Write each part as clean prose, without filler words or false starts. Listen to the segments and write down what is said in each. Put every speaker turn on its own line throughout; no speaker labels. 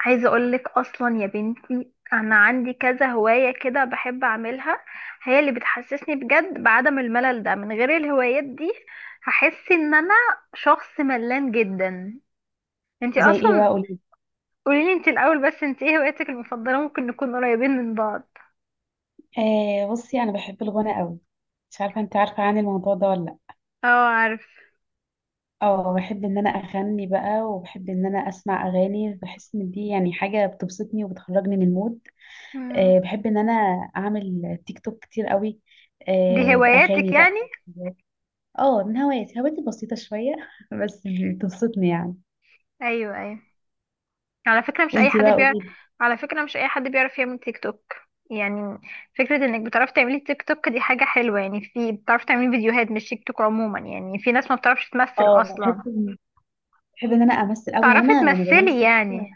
عايزة اقولك اصلا يا بنتي انا عندي كذا هواية كده بحب اعملها. هي اللي بتحسسني بجد بعدم الملل ده من غير الهوايات دي هحس ان انا شخص ملان جدا. انتي
زي ايه
اصلا
بقى، قولي؟
قوليلي انتي الاول، بس انتي ايه هواياتك المفضلة؟ ممكن نكون قريبين من بعض.
آه، بصي، انا بحب الغنى قوي. مش عارفه انت عارفه عن الموضوع ده ولا لا؟
اه عارف.
اه، بحب ان انا اغني بقى، وبحب ان انا اسمع اغاني. بحس ان دي يعني حاجه بتبسطني وبتخرجني من المود.
مم.
بحب ان انا اعمل تيك توك كتير قوي.
دي هواياتك
باغاني
يعني؟
بقى. اه، من هواياتي. هواياتي بسيطه شويه بس بتبسطني يعني.
ايوه ايوه. على فكرة مش أي
وانتي
حد
بقى،
بيعرف،
قولي لي.
على فكرة مش أي حد بيعرف يعمل تيك توك يعني. فكرة إنك بتعرفي تعملي تيك توك دي حاجة حلوة، يعني في بتعرفي تعملي فيديوهات مش تيك توك عموما، يعني في ناس ما بتعرفش تمثل
اه بحب
أصلا.
بحب ان انا امثل قوي، يعني
تعرفي
انا لما
تمثلي
بمثل حاجه.
يعني.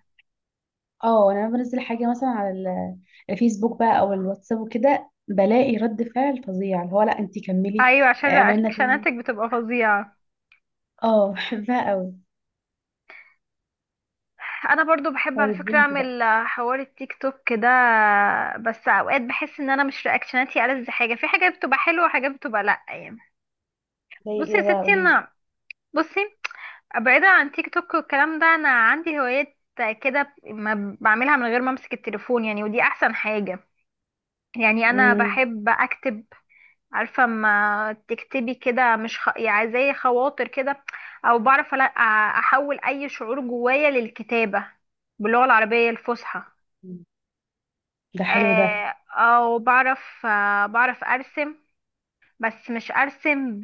اه، انا لما بنزل حاجه مثلا على الفيسبوك بقى او الواتساب وكده، بلاقي رد فعل فظيع اللي هو لا انتي كملي.
أيوة، عشان
اعملنا تاني.
رياكشناتك بتبقى فظيعة.
اه، بحبها قوي.
أنا برضو بحب على
طيب،
فكرة
وانت بقى؟
أعمل حوار التيك توك ده. بس أوقات بحس إن أنا مش رياكشناتي ألذ حاجة، في حاجات بتبقى حلوة وحاجات بتبقى لأ يعني.
زي
بصي يا
ايه بقى،
ستي
قوليلي؟
أنا، بصي، بعيدا عن تيك توك والكلام ده انا عندي هوايات كده ما بعملها من غير ما امسك التليفون يعني، ودي احسن حاجة. يعني انا
امم.
بحب اكتب. عارفة ما تكتبي كده مش خ... يعني زي خواطر كده، او بعرف احول اي شعور جوايا للكتابة باللغة العربية الفصحى.
ده حلو ده.
او بعرف، بعرف ارسم، بس مش ارسم ب...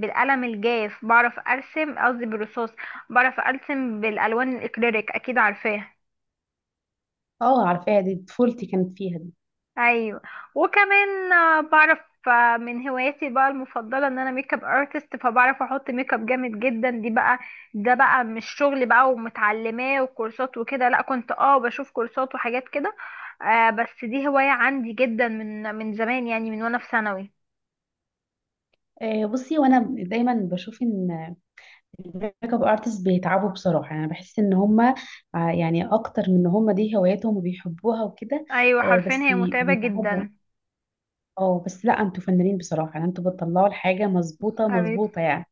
بالقلم الجاف بعرف ارسم، قصدي بالرصاص. بعرف ارسم بالالوان الاكريليك، اكيد عارفاها.
اه، عارفاها. دي طفولتي كانت فيها دي.
ايوه. وكمان بعرف، من هواياتي بقى المفضله ان انا ميك اب ارتست، فبعرف احط ميك اب جامد جدا دي بقى. ده بقى مش شغل بقى ومتعلماه وكورسات وكده، لا كنت اه بشوف كورسات وحاجات كده. آه بس دي هوايه عندي جدا من زمان، يعني من وانا في ثانوي.
بصي، وانا دايما بشوف ان الميك اب ارتست بيتعبوا. بصراحه، انا بحس ان هما يعني اكتر من ان هما دي هواياتهم وبيحبوها وكده.
ايوه حرفيا
بس
هي متعبه
بيتعبوا.
جدا.
اه، بس لا، انتوا فنانين بصراحة. يعني انتوا بتطلعوا الحاجة مظبوطة
حبيبتي
مظبوطة يعني.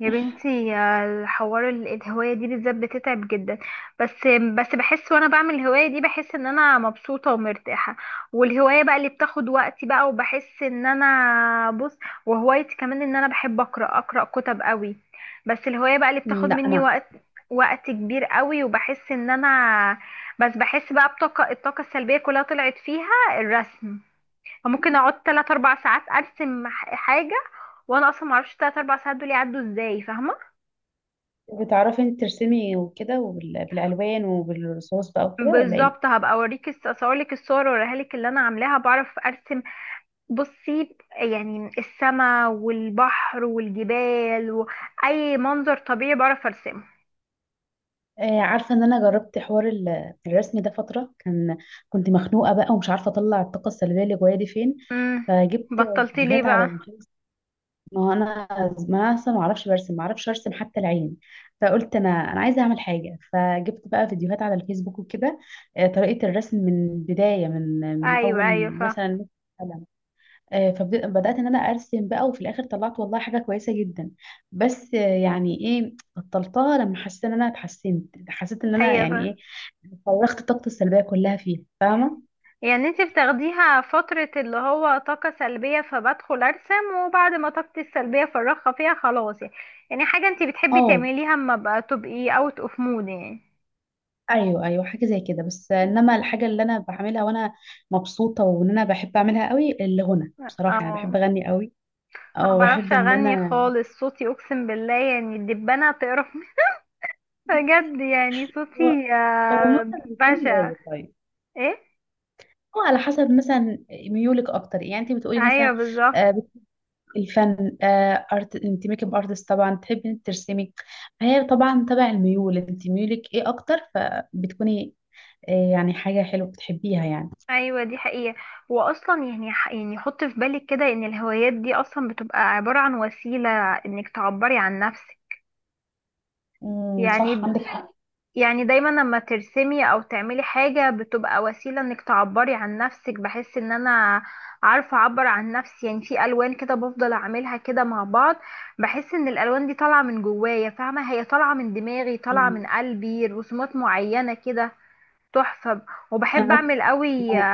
يا بنتي الحوار الهواية دي بالذات بتتعب جدا. بس بس بحس وانا بعمل الهواية دي بحس ان انا مبسوطة ومرتاحة. والهواية بقى اللي بتاخد وقتي بقى، وبحس ان انا بص. وهوايتي كمان ان انا بحب اقرأ، اقرأ كتب قوي. بس الهواية بقى اللي
مم،
بتاخد
لا
مني
انا.
وقت كبير قوي، وبحس ان انا، بس بحس بقى الطاقة السلبية كلها طلعت فيها الرسم. ممكن اقعد 3 4 ساعات ارسم حاجة، وانا اصلا معرفش 3 4 ساعات دول يعدوا ازاي، فاهمة.
عارفة. بتعرفي انت ترسمي وكده، وبال- بالالوان وبالرصاص بقى وكده، ولا ايه؟
بالظبط، هبقى اوريك اصورلك الصور واوريها لك اللي انا عاملاها. بعرف ارسم بصي يعني السماء والبحر والجبال واي منظر طبيعي بعرف ارسمه.
آه، عارفة ان انا جربت حوار الرسم ده فترة. كنت مخنوقة بقى ومش عارفة اطلع الطاقة السلبية اللي جوايا دي فين.
امم
فجبت
بطلتي ليه
فيديوهات على
بقى؟
الفيس. ما هو انا، ما اصلا ما اعرفش برسم، ما اعرفش ارسم حتى العين. فقلت انا عايزه اعمل حاجه، فجبت بقى فيديوهات على الفيسبوك وكده. آه، طريقه الرسم من بدايه، من
ايوه ايوه
اول مثلا. قلم. آه، فبدات ان انا ارسم بقى، وفي الاخر طلعت والله حاجه كويسه جدا. بس يعني ايه، بطلتها؟ لما حسيت ان انا اتحسنت، حسيت ان انا
ايوه فا
يعني ايه. فرغت طاقتي السلبيه كلها فيها، فاهمه؟
يعني انت بتاخديها فترة اللي هو طاقة سلبية فبدخل ارسم، وبعد ما طاقتي السلبية فرغها فيها خلاص يعني؟ يعني حاجة انت بتحبي
اه.
تعمليها اما بقى تبقي اوت اوف مود يعني.
ايوه، ايوه، حاجه زي كده. بس انما الحاجه اللي انا بعملها وانا مبسوطه وان انا بحب اعملها قوي، الغنى. بصراحه انا بحب
اه.
اغني قوي.
ما
او
بعرفش
بحب ان
اغني
انا.
خالص، صوتي اقسم بالله يعني الدبانه تقرف مني. بجد يعني
هو
صوتي
هو مثلا بيكون
بشع.
هوايه طيب.
ايه؟
هو على حسب مثلا ميولك اكتر، يعني انت بتقولي
ايوه
مثلا.
بالظبط.
آه، بت- الفن، ارت. انت ميك اب ارتست، طبعا تحبي انت ترسمي. فهي طبعا تبع الميول، انت ميولك ايه اكتر، فبتكوني يعني حاجه حلوه بتحبيها يعني.
ايوه دي حقيقه. واصلا يعني يعني حط في بالك كده ان الهوايات دي اصلا بتبقى عباره عن وسيله انك تعبري عن نفسك.
امم، صح،
يعني،
عندك حق.
يعني دايما لما ترسمي او تعملي حاجة بتبقى وسيلة انك تعبري عن نفسك. بحس ان انا عارفة اعبر عن نفسي يعني في الوان كده بفضل اعملها كده مع بعض. بحس ان الالوان دي طالعة من جوايا فاهمة، هي طالعة من دماغي، طالعة
مم.
من قلبي، رسومات معينة كده. تحفة.
انا
وبحب
عارفة.
اعمل قوي.
لو.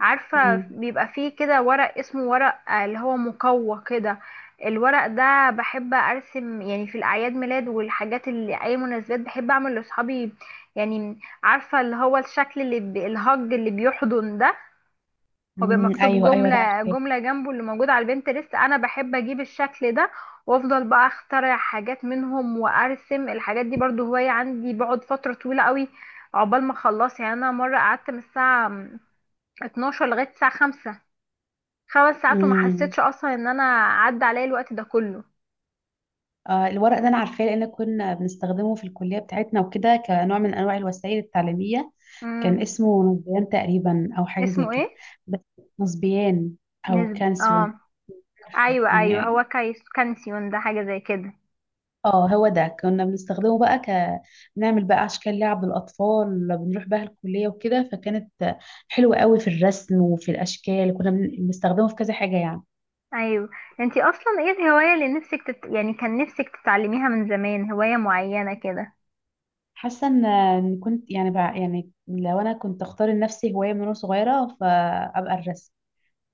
عارفة
مم.
بيبقى فيه كده ورق، اسمه ورق اللي هو مقوى كده. الورق ده بحب ارسم، يعني في الاعياد ميلاد والحاجات اللي اي مناسبات بحب اعمل لاصحابي. يعني عارفة اللي هو الشكل الهج اللي بيحضن ده. هو بيبقى
امم،
مكتوب
ايوه، ايوه، ده
جملة
عارفاه.
جملة جنبه، اللي موجود على البنترست انا بحب اجيب الشكل ده، وافضل بقى اخترع حاجات منهم وارسم الحاجات دي. برضو هواية عندي، بقعد فترة طويلة قوي عقبال ما اخلص، يعني انا مرة قعدت من الساعة 12 لغاية الساعة 5، خمس ساعات وما
امم.
حسيتش اصلا ان انا عدى عليا الوقت ده كله.
الورق ده انا عارفاه، لان كنا بنستخدمه في الكليه بتاعتنا وكده كنوع من انواع الوسائل التعليميه. كان
امم.
اسمه نصبيان تقريبا، او حاجه زي
اسمه
كده.
ايه؟
بس نصبيان. او
نسبي
كانسيون.
اه. ايوه ايوه،
يعني
هو كايس كانسيون ده حاجه زي كده.
اه، هو ده كنا بنستخدمه بقى بنعمل بقى اشكال لعب للاطفال، بنروح بقى الكليه وكده. فكانت حلوه قوي في الرسم وفي الاشكال، كنا بنستخدمه في كذا حاجه يعني.
ايوه. انتي اصلا ايه الهوايه اللي نفسك يعني كان نفسك تتعلميها من زمان، هوايه معينه كده؟
حاسه ان كنت يعني بقى يعني لو انا كنت اختار لنفسي هوايه من وانا صغيره، فابقى الرسم.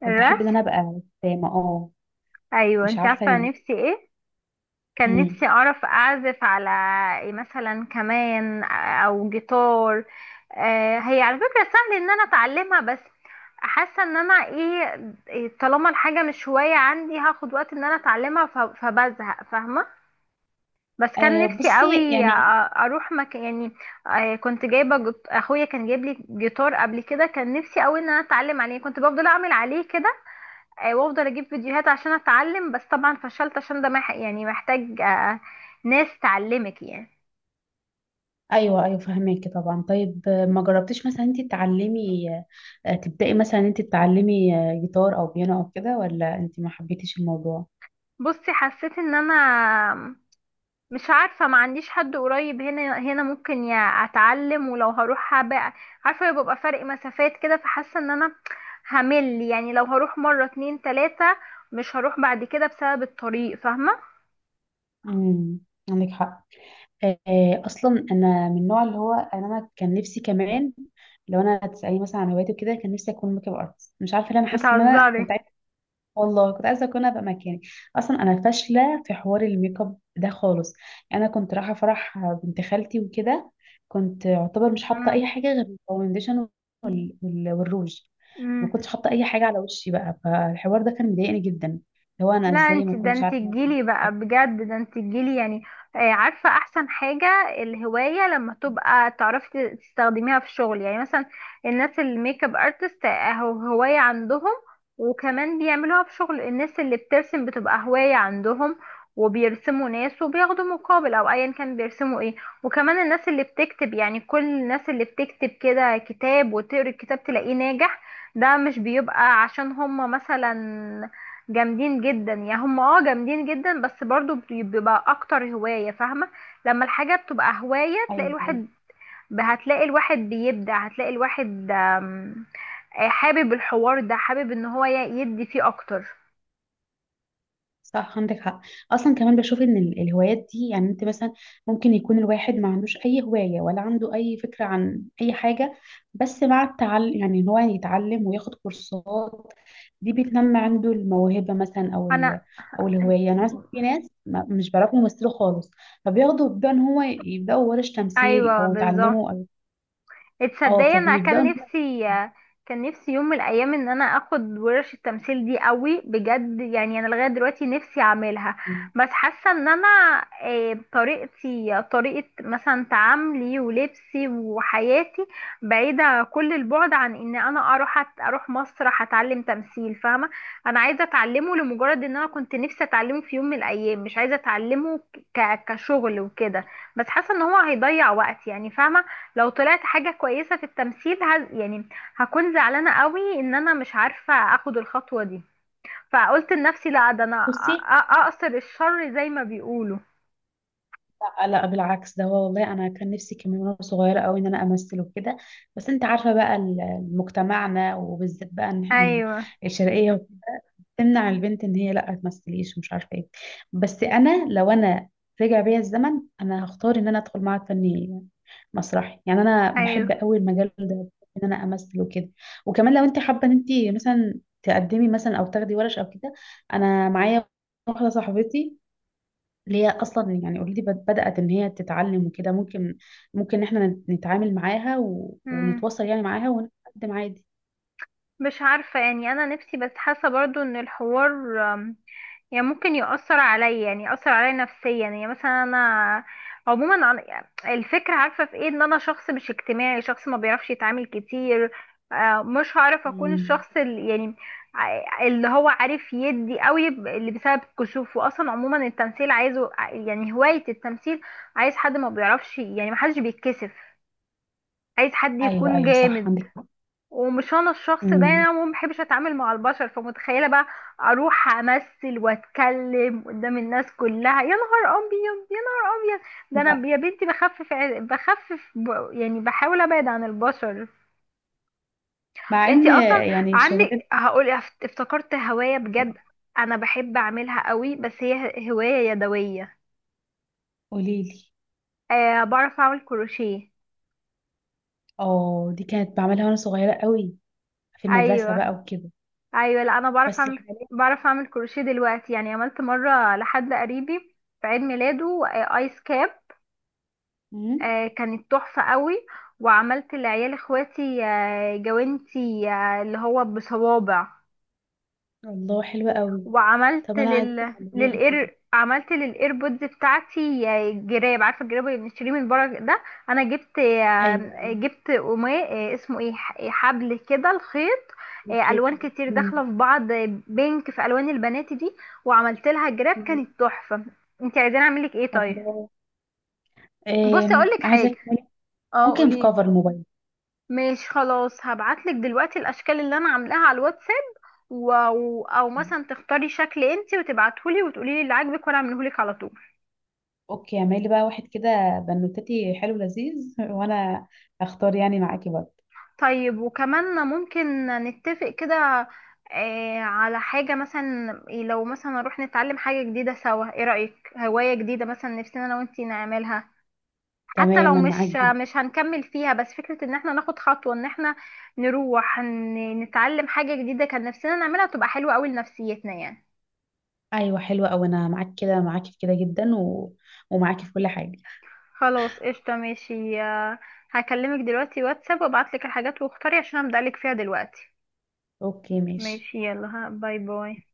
كنت احب
الرسم؟
ان انا ابقى رسامه، اه.
ايوه.
مش
انتي
عارفه
عارفه
ليه.
نفسي ايه؟ كان نفسي
امم.
أعرف أعزف على إيه مثلا، كمان، أو جيتار. هي على فكرة سهل إن أنا أتعلمها، بس حاسة إن أنا إيه إيه، طالما الحاجة مش هواية عندي هاخد وقت إن أنا أتعلمها، فبزهق فاهمة. بس كان نفسي
بصي
قوي
يعني.
أروح مكان يعني. كنت جايبة أخويا كان جايب لي جيتار قبل كده، كان نفسي قوي إن أنا أتعلم عليه، كنت بفضل أعمل عليه كده. وافضل اجيب فيديوهات عشان اتعلم، بس طبعا فشلت عشان ده يعني محتاج ناس تعلمك يعني.
ايوه، ايوه، فهماكي طبعا. طيب ما جربتيش مثلا انت تتعلمي، تبداي مثلا انت تتعلمي جيتار او بيانو او كده، ولا انت ما حبيتيش الموضوع؟
بصي حسيت ان انا مش عارفه، ما عنديش حد قريب هنا ممكن يا اتعلم، ولو هروح بقى عارفه بيبقى فرق مسافات كده، فحاسه ان انا همل، يعني لو هروح مره اتنين تلاته مش هروح بعد كده بسبب الطريق، فاهمه.
امم، عندك حق. آه، اصلا انا من النوع اللي هو انا كان نفسي كمان، لو انا تسالني مثلا عن هواياتي وكده، كان نفسي اكون ميك اب ارتست. مش عارفه ليه، انا حاسه ان انا
بتهزري؟
كنت عايزه. والله كنت عايزه اكون، ابقى مكاني. اصلا انا فاشله في حوار الميك اب ده خالص. يعني انا كنت رايحه فرح بنت خالتي وكده، كنت اعتبر مش حاطه اي حاجه غير الفاونديشن والروج. ما
امم
كنتش حاطه اي حاجه على وشي بقى، فالحوار ده كان مضايقني جدا، اللي هو انا
لا
ازاي
انت
ما
ده،
كنتش
انت
عارفه أعمل
تجيلي بقى
حاجة.
بجد، ده انت تجيلي يعني. عارفة احسن حاجة الهواية لما تبقى تعرفي تستخدميها في الشغل، يعني مثلا الناس الميك اب ارتست اهو هواية عندهم وكمان بيعملوها في شغل. الناس اللي بترسم بتبقى هواية عندهم، وبيرسموا ناس وبياخدوا مقابل او ايا كان بيرسموا ايه. وكمان الناس اللي بتكتب، يعني كل الناس اللي بتكتب كده كتاب وتقري الكتاب تلاقيه ناجح، ده مش بيبقى عشان هم مثلا جامدين جدا، يعني هم اه جامدين جدا بس برضو بيبقى اكتر هواية فاهمة. لما الحاجة بتبقى هواية تلاقي
ايوه،
الواحد هتلاقي الواحد بيبدع، هتلاقي الواحد حابب الحوار ده، حابب ان هو يدي فيه اكتر.
صح، عندك حق. اصلا كمان بشوف ان الهوايات دي، يعني انت مثلا ممكن يكون الواحد ما عندوش اي هواية، ولا عنده اي فكرة عن اي حاجة. بس مع التعلم، يعني ان هو يتعلم وياخد كورسات، دي بتنمي عنده الموهبة مثلا او
انا،
او الهواية. انا مثلا في ناس مش بيعرفوا يمثلوا خالص، بيبدأوا ان هو يبدأوا ورش تمثيل
ايوه
او
بالظبط.
يتعلموا او، اه،
اتصدقي انا
فبيبدأوا
كان
ان
نفسي، كان نفسي يوم من الايام ان انا اخد ورش التمثيل دي قوي بجد. يعني انا لغايه دلوقتي نفسي اعملها، بس حاسه ان انا طريقتي، طريقه مثلا تعاملي ولبسي وحياتي بعيده كل البعد عن ان انا اروح اروح مسرح اتعلم تمثيل فاهمه. انا عايزه اتعلمه لمجرد ان انا كنت نفسي اتعلمه في يوم من الايام، مش عايزه اتعلمه كشغل وكده. بس حاسه ان هو هيضيع وقت يعني فاهمه. لو طلعت حاجة كويسة في التمثيل يعني هكون زعلانة قوي ان انا مش عارفة اخد الخطوة دي، فقلت لنفسي لا، ده انا
هو.
اقصر الشر زي ما بيقولوا.
لا، لا، بالعكس، ده هو والله انا كان نفسي كمان وانا صغيره قوي ان انا امثل وكده. بس انت عارفه بقى مجتمعنا، وبالذات بقى إن
ايوه
الشرقيه تمنع البنت ان هي لا تمثليش ومش عارفه ايه. بس انا، لو انا رجع بيا الزمن، انا هختار ان انا ادخل معهد فني مسرحي. يعني انا بحب
ايوه.
قوي المجال ده، بحب ان انا امثل وكده. وكمان لو انت حابه ان انت مثلا تقدمي مثلا او تاخدي ورش او كده، انا معايا واحده صاحبتي اللي هي اصلا يعني اوريدي بدات ان هي تتعلم وكده. ممكن، ممكن احنا نتعامل معاها
امم،
ونتواصل يعني معاها ونقدم عادي.
مش عارفة يعني، أنا نفسي بس حاسة برضو إن الحوار أم، يعني ممكن يؤثر عليا، يعني يؤثر عليا نفسيا، يعني مثلا أنا عموما يعني الفكرة عارفة في إيه، إن أنا شخص مش اجتماعي، شخص ما بيعرفش يتعامل كتير. مش هعرف أكون
امم.
الشخص اللي يعني اللي هو عارف يدي قوي اللي بسبب كسوفه أصلا. عموما التمثيل عايزه يعني هواية التمثيل عايز حد ما بيعرفش يعني، ما حدش بيتكسف، عايز حد
ايوه،
يكون
ايوه، صح،
جامد.
عندك حق.
ومش انا الشخص ده يعني،
امم.
انا ما بحبش اتعامل مع البشر، فمتخيله بقى اروح امثل واتكلم قدام الناس كلها؟ يا نهار ابيض يا نهار ابيض. ده
لا،
انا يا بنتي بخفف بخفف يعني بحاول ابعد عن البشر.
مع ان،
انتي اصلا
يعني، شغلتي.
عندك، هقول افتكرت هوايه بجد انا بحب اعملها قوي، بس هي هوايه يدويه.
قوليلي.
أه بعرف اعمل كروشيه.
اه، دي كانت بعملها وانا صغيره قوي، في المدرسه
ايوه
بقى وكده.
ايوه. لا انا بعرف
بس
اعمل،
حاليا.
كروشيه دلوقتي، يعني عملت مره لحد قريبي في عيد ميلاده ايس كاب،
امم.
كانت تحفه قوي. وعملت لعيال اخواتي جوانتي اللي هو بصوابع.
الله، حلوه قوي.
وعملت
طب انا عايزاك تعلميني طيب.
للاير، عملت للايربودز بتاعتي جراب. عارفه الجراب اللي بنشتريه من بره ده، انا جبت،
ايوه،
جبت قماش اسمه ايه حبل كده، الخيط.
ايوه،
الوان
شايفة.
كتير
امم.
داخله في بعض، بينك في الوان البنات دي، وعملت لها جراب
أمم.
كانت تحفه. انت عايزين اعمل لك ايه طيب؟
الله.
بصي اقول
إيه.
لك حاجه.
عايزاك تعملي.
اه
ممكن في
قولي.
كفر الموبايل؟
ماشي خلاص، هبعت لك دلوقتي الاشكال اللي انا عاملاها على الواتساب، او او مثلا تختاري شكل انتي وتبعتهولي وتقولي لي اللي عاجبك وانا اعملهولك على طول.
اوكي، اعملي بقى واحد كده بنوتتي، حلو لذيذ وانا هختار يعني معاكي برضه.
طيب، وكمان ممكن نتفق كده على حاجة مثلا لو مثلا نروح نتعلم حاجة جديدة سوا، ايه رأيك؟ هواية جديدة مثلا نفسنا انا وانتي نعملها، حتى لو
تماما، معاك جدا.
مش هنكمل فيها، بس فكرة ان احنا ناخد خطوة ان احنا نروح نتعلم حاجة جديدة كان نفسنا نعملها تبقى حلوة قوي لنفسيتنا يعني.
ايوه، حلوه اوي. انا معاك كده، معاكي في كده جدا، ومعاكي في كل حاجه.
خلاص قشطة ماشي. هكلمك دلوقتي واتساب وابعتلك الحاجات واختاري عشان ابدألك فيها دلوقتي.
اوكي، ماشي.
ماشي يلا، ها باي باي.